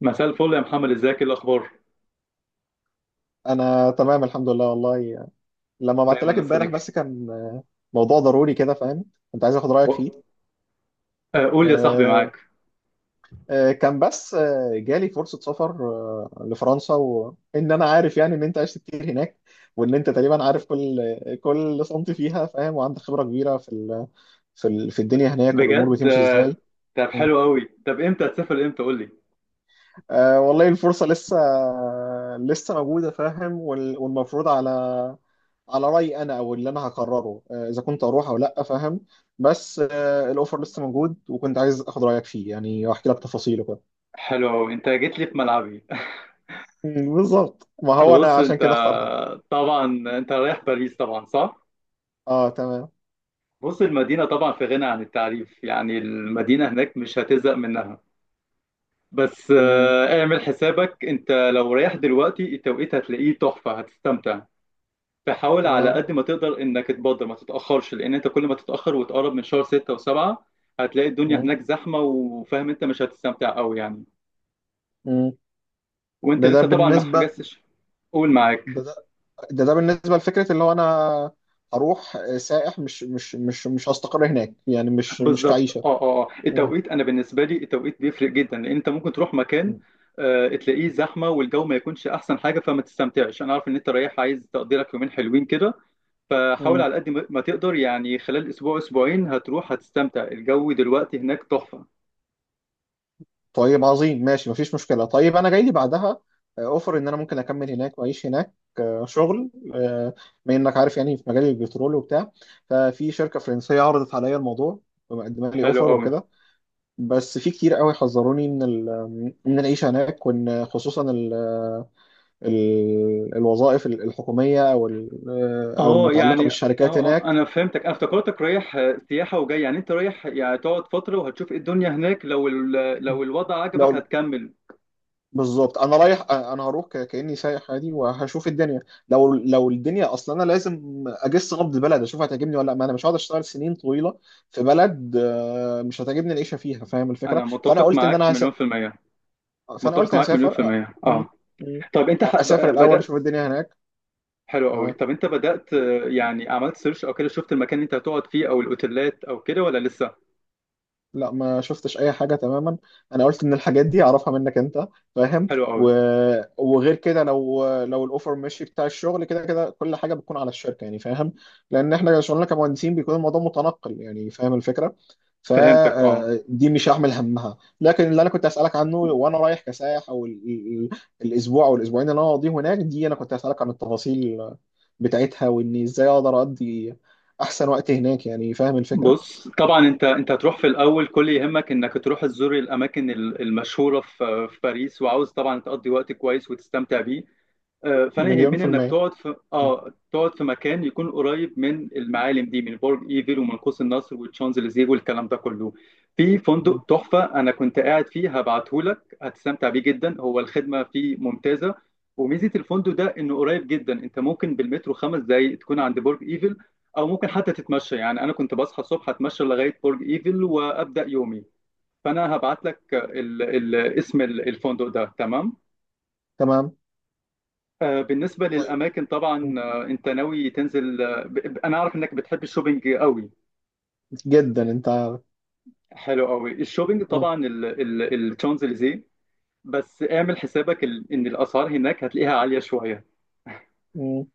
مساء الفل يا محمد، ازيك؟ ايه الاخبار؟ انا تمام الحمد لله والله. لما بعت دايما لك يا امبارح صديقي. بس كان موضوع ضروري كده، فاهم. كنت عايز اخد رايك و- فيه. قول لي يا صاحبي، آه، معاك. كان بس جالي فرصه سفر لفرنسا، وان انا عارف يعني ان انت عشت كتير هناك، وان انت تقريبا عارف كل سنتي فيها، فاهم، وعندك خبره كبيره في الدنيا هناك والامور بجد؟ بتمشي ازاي. طب حلو قوي. طب امتى هتسافر؟ امتى؟ قول لي. والله الفرصة لسه موجودة، فاهم، والمفروض على رأيي أنا، أو اللي أنا هقرره إذا كنت أروح أو لأ، فاهم. بس الأوفر لسه موجود، وكنت عايز آخد رأيك فيه يعني، وأحكي لك تفاصيله كده. حلو قوي، انت جيت لي في ملعبي. مم، بالظبط. ما هو بص أنا عشان انت، كده اخترتك. طبعا انت رايح باريس طبعا، صح؟ أه، تمام. بص، المدينه طبعا في غنى عن التعريف، يعني المدينه هناك مش هتزهق منها. بس مم، اعمل حسابك، انت لو رايح دلوقتي التوقيت هتلاقيه تحفه، هتستمتع. فحاول على تمام. قد ما تقدر انك تبادر، ما تتاخرش، لان انت كل ما تتاخر وتقرب من شهر 6 و7 هتلاقي الدنيا مم. هناك زحمه، وفاهم انت مش هتستمتع قوي يعني. مم. وانت ده لسه طبعا ما بالنسبة. حجزتش؟ قول، معاك. ده ده, ده بالنسبة لفكرة اللي هو أنا هروح سائح، مش هستقر هناك يعني، مش بالظبط. كعيشة. التوقيت، انا بالنسبه لي التوقيت بيفرق جدا، لان انت ممكن تروح مكان تلاقيه زحمه والجو ما يكونش احسن حاجه فما تستمتعش. انا عارف ان انت رايح عايز تقضيلك يومين حلوين كده، فحاول مم. على قد ما تقدر يعني خلال اسبوع اسبوعين هتروح، هتستمتع. الجو دلوقتي هناك تحفه. طيب عظيم، ماشي، مفيش مشكلة. طيب أنا جاي لي بعدها أوفر إن أنا ممكن أكمل هناك وأعيش هناك، شغل، بما إنك عارف يعني، في مجال البترول وبتاع. ففي شركة فرنسية عرضت عليا الموضوع، ومقدمة لي حلو أوفر قوي. وكده. بس في كتير قوي حذروني من العيشة هناك، وإن خصوصا ال الوظائف الحكومية، أو المتعلقة بالشركات هناك. انا فهمتك. انا افتكرتك رايح سياحه، وجاي يعني انت رايح يعني تقعد فتره وهتشوف ايه الدنيا هناك، لو لو الوضع عجبك لو. هتكمل. بالظبط، انا رايح، انا هروح كاني سايح عادي وهشوف الدنيا. لو الدنيا اصلا، انا لازم اجس نبض البلد، اشوف هتعجبني ولا لا، ما انا مش هقعد اشتغل سنين طويله في بلد مش هتعجبني العيشه فيها، فاهم الفكره. انا فانا متفق قلت ان معاك انا مليون في الميه. فانا متفق قلت معاك مليون هسافر في الميه، م- اه. م- طب انت اسافر الاول بدات؟ اشوف الدنيا هناك. حلو قوي، طب انت بدات يعني عملت سيرش او كده؟ شفت المكان اللي انت هتقعد فيه او الاوتيلات او كده، ولا لسه؟ لا، ما شفتش اي حاجه تماما، انا قلت ان الحاجات دي اعرفها منك انت، فاهم. حلو قوي. و... وغير كده، لو الاوفر ماشي بتاع الشغل، كده كده كل حاجه بتكون على الشركه يعني، فاهم. لان احنا شغلنا كمهندسين بيكون الموضوع متنقل يعني، فاهم الفكره. فهمتك، اه. فدي مش هعمل همها، لكن اللي انا كنت اسالك عنه وانا رايح كسائح، الاسبوع او الاسبوعين اللي انا هقضيه هناك دي، انا كنت اسالك عن التفاصيل بتاعتها، واني ازاي اقدر اقضي احسن وقت هناك يعني، فاهم الفكره. بص طبعا، انت هتروح في الاول، كل يهمك انك تروح تزور الاماكن المشهوره في باريس، وعاوز طبعا تقضي وقت كويس وتستمتع بيه. فانا مليون في يهمني انك المية. تقعد في اه، تقعد في مكان يكون قريب من المعالم دي، من برج ايفل، ومن قوس النصر، والشانزليزيه، والكلام ده كله. في فندق تحفه انا كنت قاعد فيه، هبعته لك، هتستمتع بيه جدا، هو الخدمه فيه ممتازه. وميزه الفندق ده انه قريب جدا، انت ممكن بالمترو 5 دقائق تكون عند برج ايفل، او ممكن حتى تتمشى يعني. انا كنت بصحى الصبح اتمشى لغايه برج ايفل وابدا يومي. فانا هبعت لك اسم الفندق ده، تمام. تمام، بالنسبة طيب. للأماكن طبعا، مم. أنت ناوي تنزل أنا أعرف إنك بتحب الشوبينج قوي. جدا، انت. حلو قوي، الشوبينج مم. طبعا الشانزليزيه. بس اعمل حسابك إن الأسعار هناك هتلاقيها عالية شوية، مم.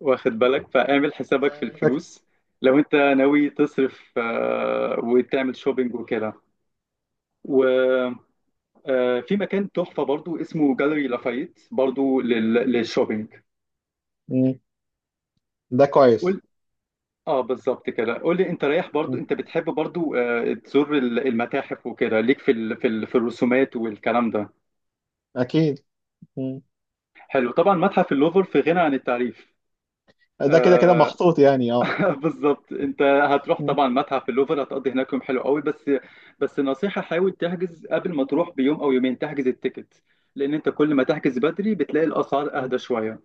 واخد بالك؟ فاعمل حسابك في فاهم، انت فاكر. الفلوس لو أنت ناوي تصرف وتعمل شوبينج وكده. وفي مكان تحفة برضو اسمه جاليري لافايت، برضو للشوبينج. مم. ده كويس. اه بالظبط كده. قول لي، انت رايح برضو، مم. انت بتحب برضو تزور المتاحف وكده؟ ليك في ال في ال في الرسومات والكلام ده؟ اكيد. مم. حلو. طبعا متحف اللوفر في غنى عن التعريف. ده كده كده آه محطوط يعني، اه. بالظبط. انت هتروح مم. طبعا متحف اللوفر، هتقضي هناك يوم حلو قوي. بس بس نصيحة، حاول تحجز قبل ما تروح بيوم او يومين، تحجز التيكت، لان انت كل ما تحجز بدري بتلاقي الاسعار اهدى شوية.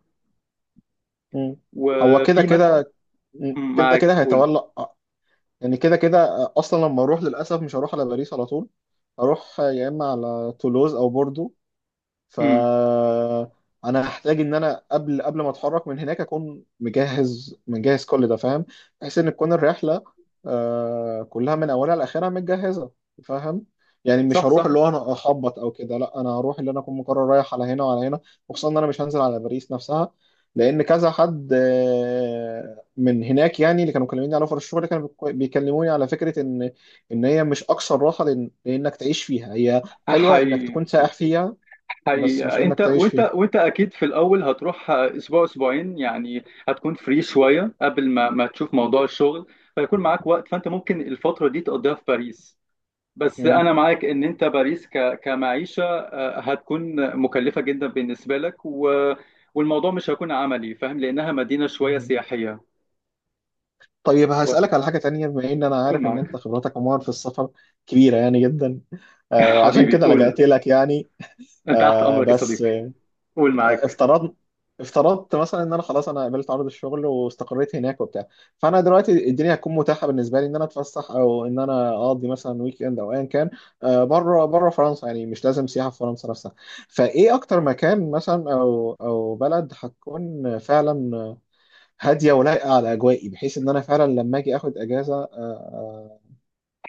مم. هو كده وفي متحف. كده. مم. مم، كده معاك، كده قول. هيتولى آه. يعني كده كده اصلا لما اروح للاسف مش هروح على باريس على طول، هروح يا اما على تولوز او بوردو. مم، فانا هحتاج ان انا قبل ما اتحرك من هناك اكون مجهز، مجهز كل ده، فاهم، بحيث ان تكون الرحله كلها من اولها لاخرها متجهزه، فاهم. يعني مش صح هروح صح. اللي هو انا اخبط او كده، لا، انا هروح اللي انا اكون مقرر رايح على هنا وعلى هنا. وخصوصا ان انا مش هنزل على باريس نفسها، لان كذا حد من هناك يعني، اللي كانوا مكلميني على اوفر الشغل، كانوا بيكلموني على فكره ان هي مش اكثر راحه، لانك تعيش فيها. هي حلوه انك حي. تكون سائح فيها، بس مش حقيقة انك انت، تعيش فيها. وانت اكيد في الاول هتروح اسبوع اسبوعين يعني، هتكون فري شوية قبل ما تشوف موضوع الشغل، فيكون معاك وقت، فانت ممكن الفترة دي تقضيها في باريس. بس مم. انا معاك ان انت باريس ك كمعيشة هتكون مكلفة جدا بالنسبة لك، و والموضوع مش هيكون عملي، فاهم، لانها مدينة شوية مم. سياحية. طيب واخد. هسألك على حاجة تانية، بما ان انا قول، عارف ان انت معاك. خبرتك عموما في السفر كبيرة يعني جدا، وعشان حبيبي، كده لجأت قول، لك يعني. انت تحت آه، امرك يا بس صديقي. آه، قول، معاك. افترضنا افترضت مثلا ان انا خلاص، انا قبلت عرض الشغل واستقريت هناك وبتاع. فانا دلوقتي الدنيا هتكون متاحه بالنسبه لي ان انا اتفسح، او ان انا اقضي مثلا ويك اند او ايا كان، بره فرنسا يعني، مش لازم سياحه في فرنسا نفسها. فايه اكتر مكان مثلا او بلد هتكون فعلا هاديه ولايقه على اجوائي، بحيث ان انا فعلا لما اجي اخد اجازه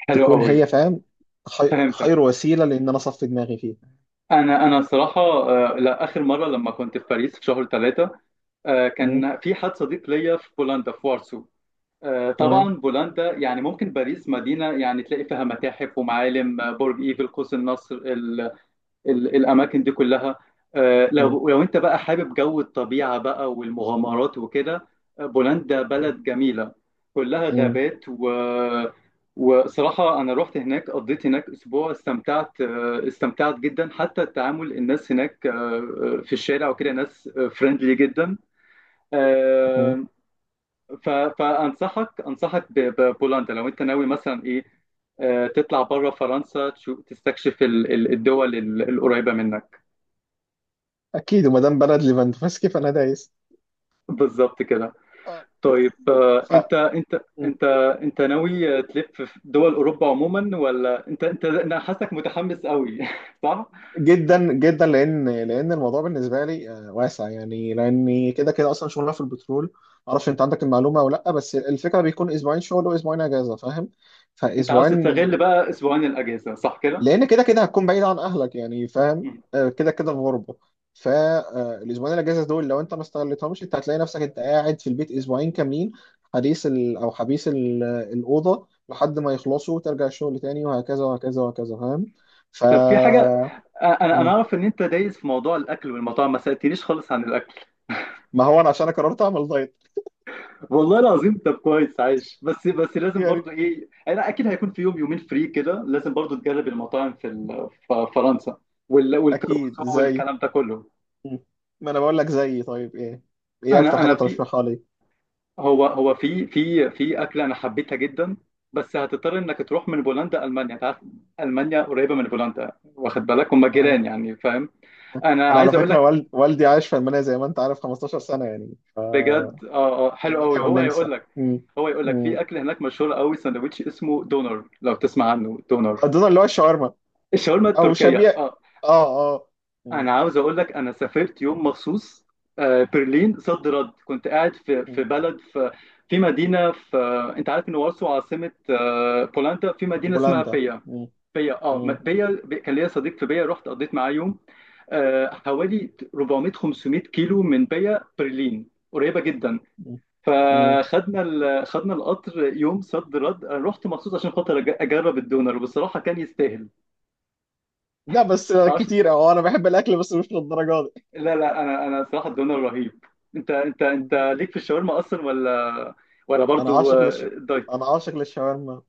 حلو تكون قوي. هي، فاهم، فهمتك. خير وسيله لان انا اصفي دماغي فيها. انا صراحه، لا، اخر مره لما كنت في باريس في شهر 3 مم، كان في حد صديق ليا في بولندا في وارسو. تمام. طبعا بولندا يعني، ممكن باريس مدينه يعني تلاقي فيها متاحف ومعالم، برج ايفل، قوس النصر، الاماكن دي كلها. مم، لو انت بقى حابب جو الطبيعه بقى والمغامرات وكده، بولندا مم، بلد جميله، كلها مم. غابات و وصراحه انا رحت هناك، قضيت هناك اسبوع، استمتعت استمتعت جدا. حتى التعامل، الناس هناك في الشارع وكده، ناس فريندلي جدا. مم. آه، فانصحك، انصحك ببولندا لو انت ناوي مثلا ايه تطلع بره فرنسا، تشوف، تستكشف الدول القريبه منك. اكيد، وما دام بلد ليفاندوفسكي فانا دايس. بالظبط كده. اه. طيب ف. انت انت مم. انت انت ناوي تلف في دول اوروبا عموما، ولا انت؟ انا حاسسك متحمس قوي. صح؟ جدا جدا، لان الموضوع بالنسبه لي واسع يعني، لاني كده كده اصلا شغلنا في البترول، معرفش انت عندك المعلومه ولا لا، بس الفكره بيكون اسبوعين شغل واسبوعين اجازه، فاهم. انت عاوز فاسبوعين تستغل بقى اسبوعين الاجازه، صح كده؟ لان كده كده هتكون بعيد عن اهلك يعني، فاهم، مم. كده كده في غربه. فالاسبوعين الاجازه دول، لو انت ما استغلتهمش انت هتلاقي نفسك انت قاعد في البيت اسبوعين كاملين، حديث او حبيس الاوضه لحد ما يخلصوا وترجع الشغل تاني، وهكذا وهكذا وهكذا، فاهم. ف. طب في حاجه، انا مم. اعرف ان انت دايس في موضوع الاكل والمطاعم، ما سالتنيش خالص عن الاكل. ما هو انا عشان أنا قررت اعمل دايت والله العظيم، طب كويس، عايش. بس بس لازم برضو يعني. ايه، انا اكيد هيكون في يوم يومين فري كده، لازم برضو تجرب المطاعم في في فرنسا، اكيد والكروسو زي. والكلام ده كله. مم. ما انا بقول لك زي. طيب، ايه؟ ايه اكتر انا حاجه انا في ترشحها لي؟ هو هو في في في اكله انا حبيتها جدا، بس هتضطر انك تروح من بولندا المانيا. انت عارف، المانيا قريبه من بولندا، واخد بالك هم آه. جيران يعني، فاهم. انا انا على عايز اقول فكره لك. والدي عايش في المانيا زي ما انت عارف 15 سنه يعني. بجد؟ اه اه حلو المانيا قوي. والنمسا. مم. هو يقول لك مم. في اكل هناك مشهور قوي، ساندوتش اسمه دونر، لو تسمع عنه، دونر. اظن اللي هو الشاورما، الشاورما او التركيه، شبيه. اه. اه، اه. مم. انا عاوز اقول لك، انا سافرت يوم مخصوص برلين، صد رد. كنت قاعد في مم. بلد في في مدينه في، انت عارف ان وارسو عاصمه بولندا. في مدينه اسمها بولندا. بيا، مم. بيا، اه، مم. كان ليا صديق في بيا، رحت قضيت معاه يوم، حوالي 400 500 كيلو من بيا. برلين قريبه جدا، مم. مم. فخدنا خدنا القطر يوم صد رد، أنا رحت مخصوص عشان خاطر اجرب الدونر، وبصراحه كان يستاهل. لا، بس كتير، اه، انا بحب الاكل بس مش للدرجه دي. لا لا، انا صراحه الدونر رهيب. انت مم. ليك في الشاورما اصلا، ولا ولا انا برضو عاشق للش دايت؟ انا عاشق للشاورما.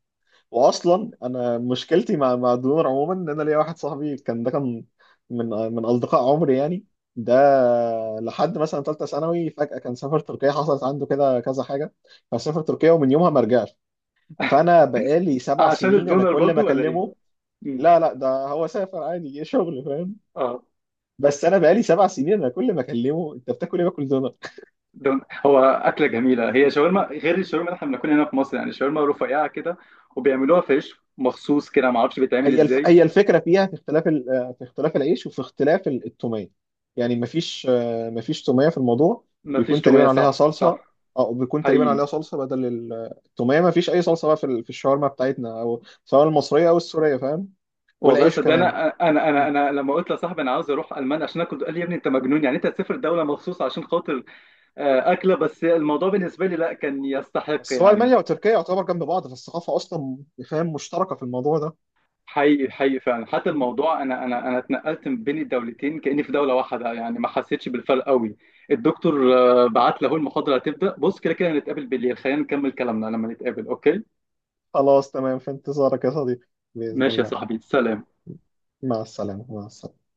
واصلا انا مشكلتي مع الدنور عموما، ان انا ليا واحد صاحبي كان، ده كان من اصدقاء عمري يعني. ده لحد مثلا ثالثه ثانوي فجاه كان سافر تركيا، حصلت عنده كده كذا حاجه، فسافر تركيا ومن يومها ما رجعش. فانا بقالي سبع عشان سنين انا الدونر كل ما برضو، ولا ايه؟ اكلمه. مم. لا لا، ده هو سافر عادي، جه شغل، فاهم. اه. بس انا بقالي 7 سنين انا كل ما اكلمه: انت بتاكل ايه؟ باكل دونر. دون. هو اكله جميله، هي شاورما غير الشاورما اللي احنا بناكلها هنا في مصر، يعني شاورما رفيعه كده، وبيعملوها في عيش مخصوص كده، ما اعرفش بيتعمل ازاي. هي الفكره فيها في في اختلاف العيش، وفي اختلاف التوميه يعني. مفيش توميه في الموضوع. ما فيش بيكون توميه، تقريبا عليها صح صلصه، صح. او بيكون تقريبا حقيقي. عليها صلصه بدل التوميه. مفيش اي صلصه بقى في الشاورما بتاعتنا، او سواء المصريه او السوريه، فاهم. والله والعيش صدقني، كمان. انا انا انا أنا لما قلت لصاحبي انا عاوز اروح المانيا عشان اكل، قال لي يا ابني انت مجنون يعني، انت هتسافر دوله مخصوص عشان خاطر اكله؟ بس الموضوع بالنسبه لي لا، كان يستحق بس هو يعني. المانيا وتركيا يعتبر جنب بعض، فالثقافه اصلا، فاهم، مشتركه في الموضوع ده. حقيقي حقيقي فعلا. حتى الموضوع، انا اتنقلت من بين الدولتين كاني في دوله واحده يعني، ما حسيتش بالفرق قوي. الدكتور بعت له المحاضره، هتبدا. بص كده كده هنتقابل بالليل، خلينا نكمل كلامنا لما نتقابل، اوكي؟ خلاص تمام، في انتظارك يا صديقي، بإذن ماشي يا الله. صاحبي، سلام. مع السلامة، مع السلامة.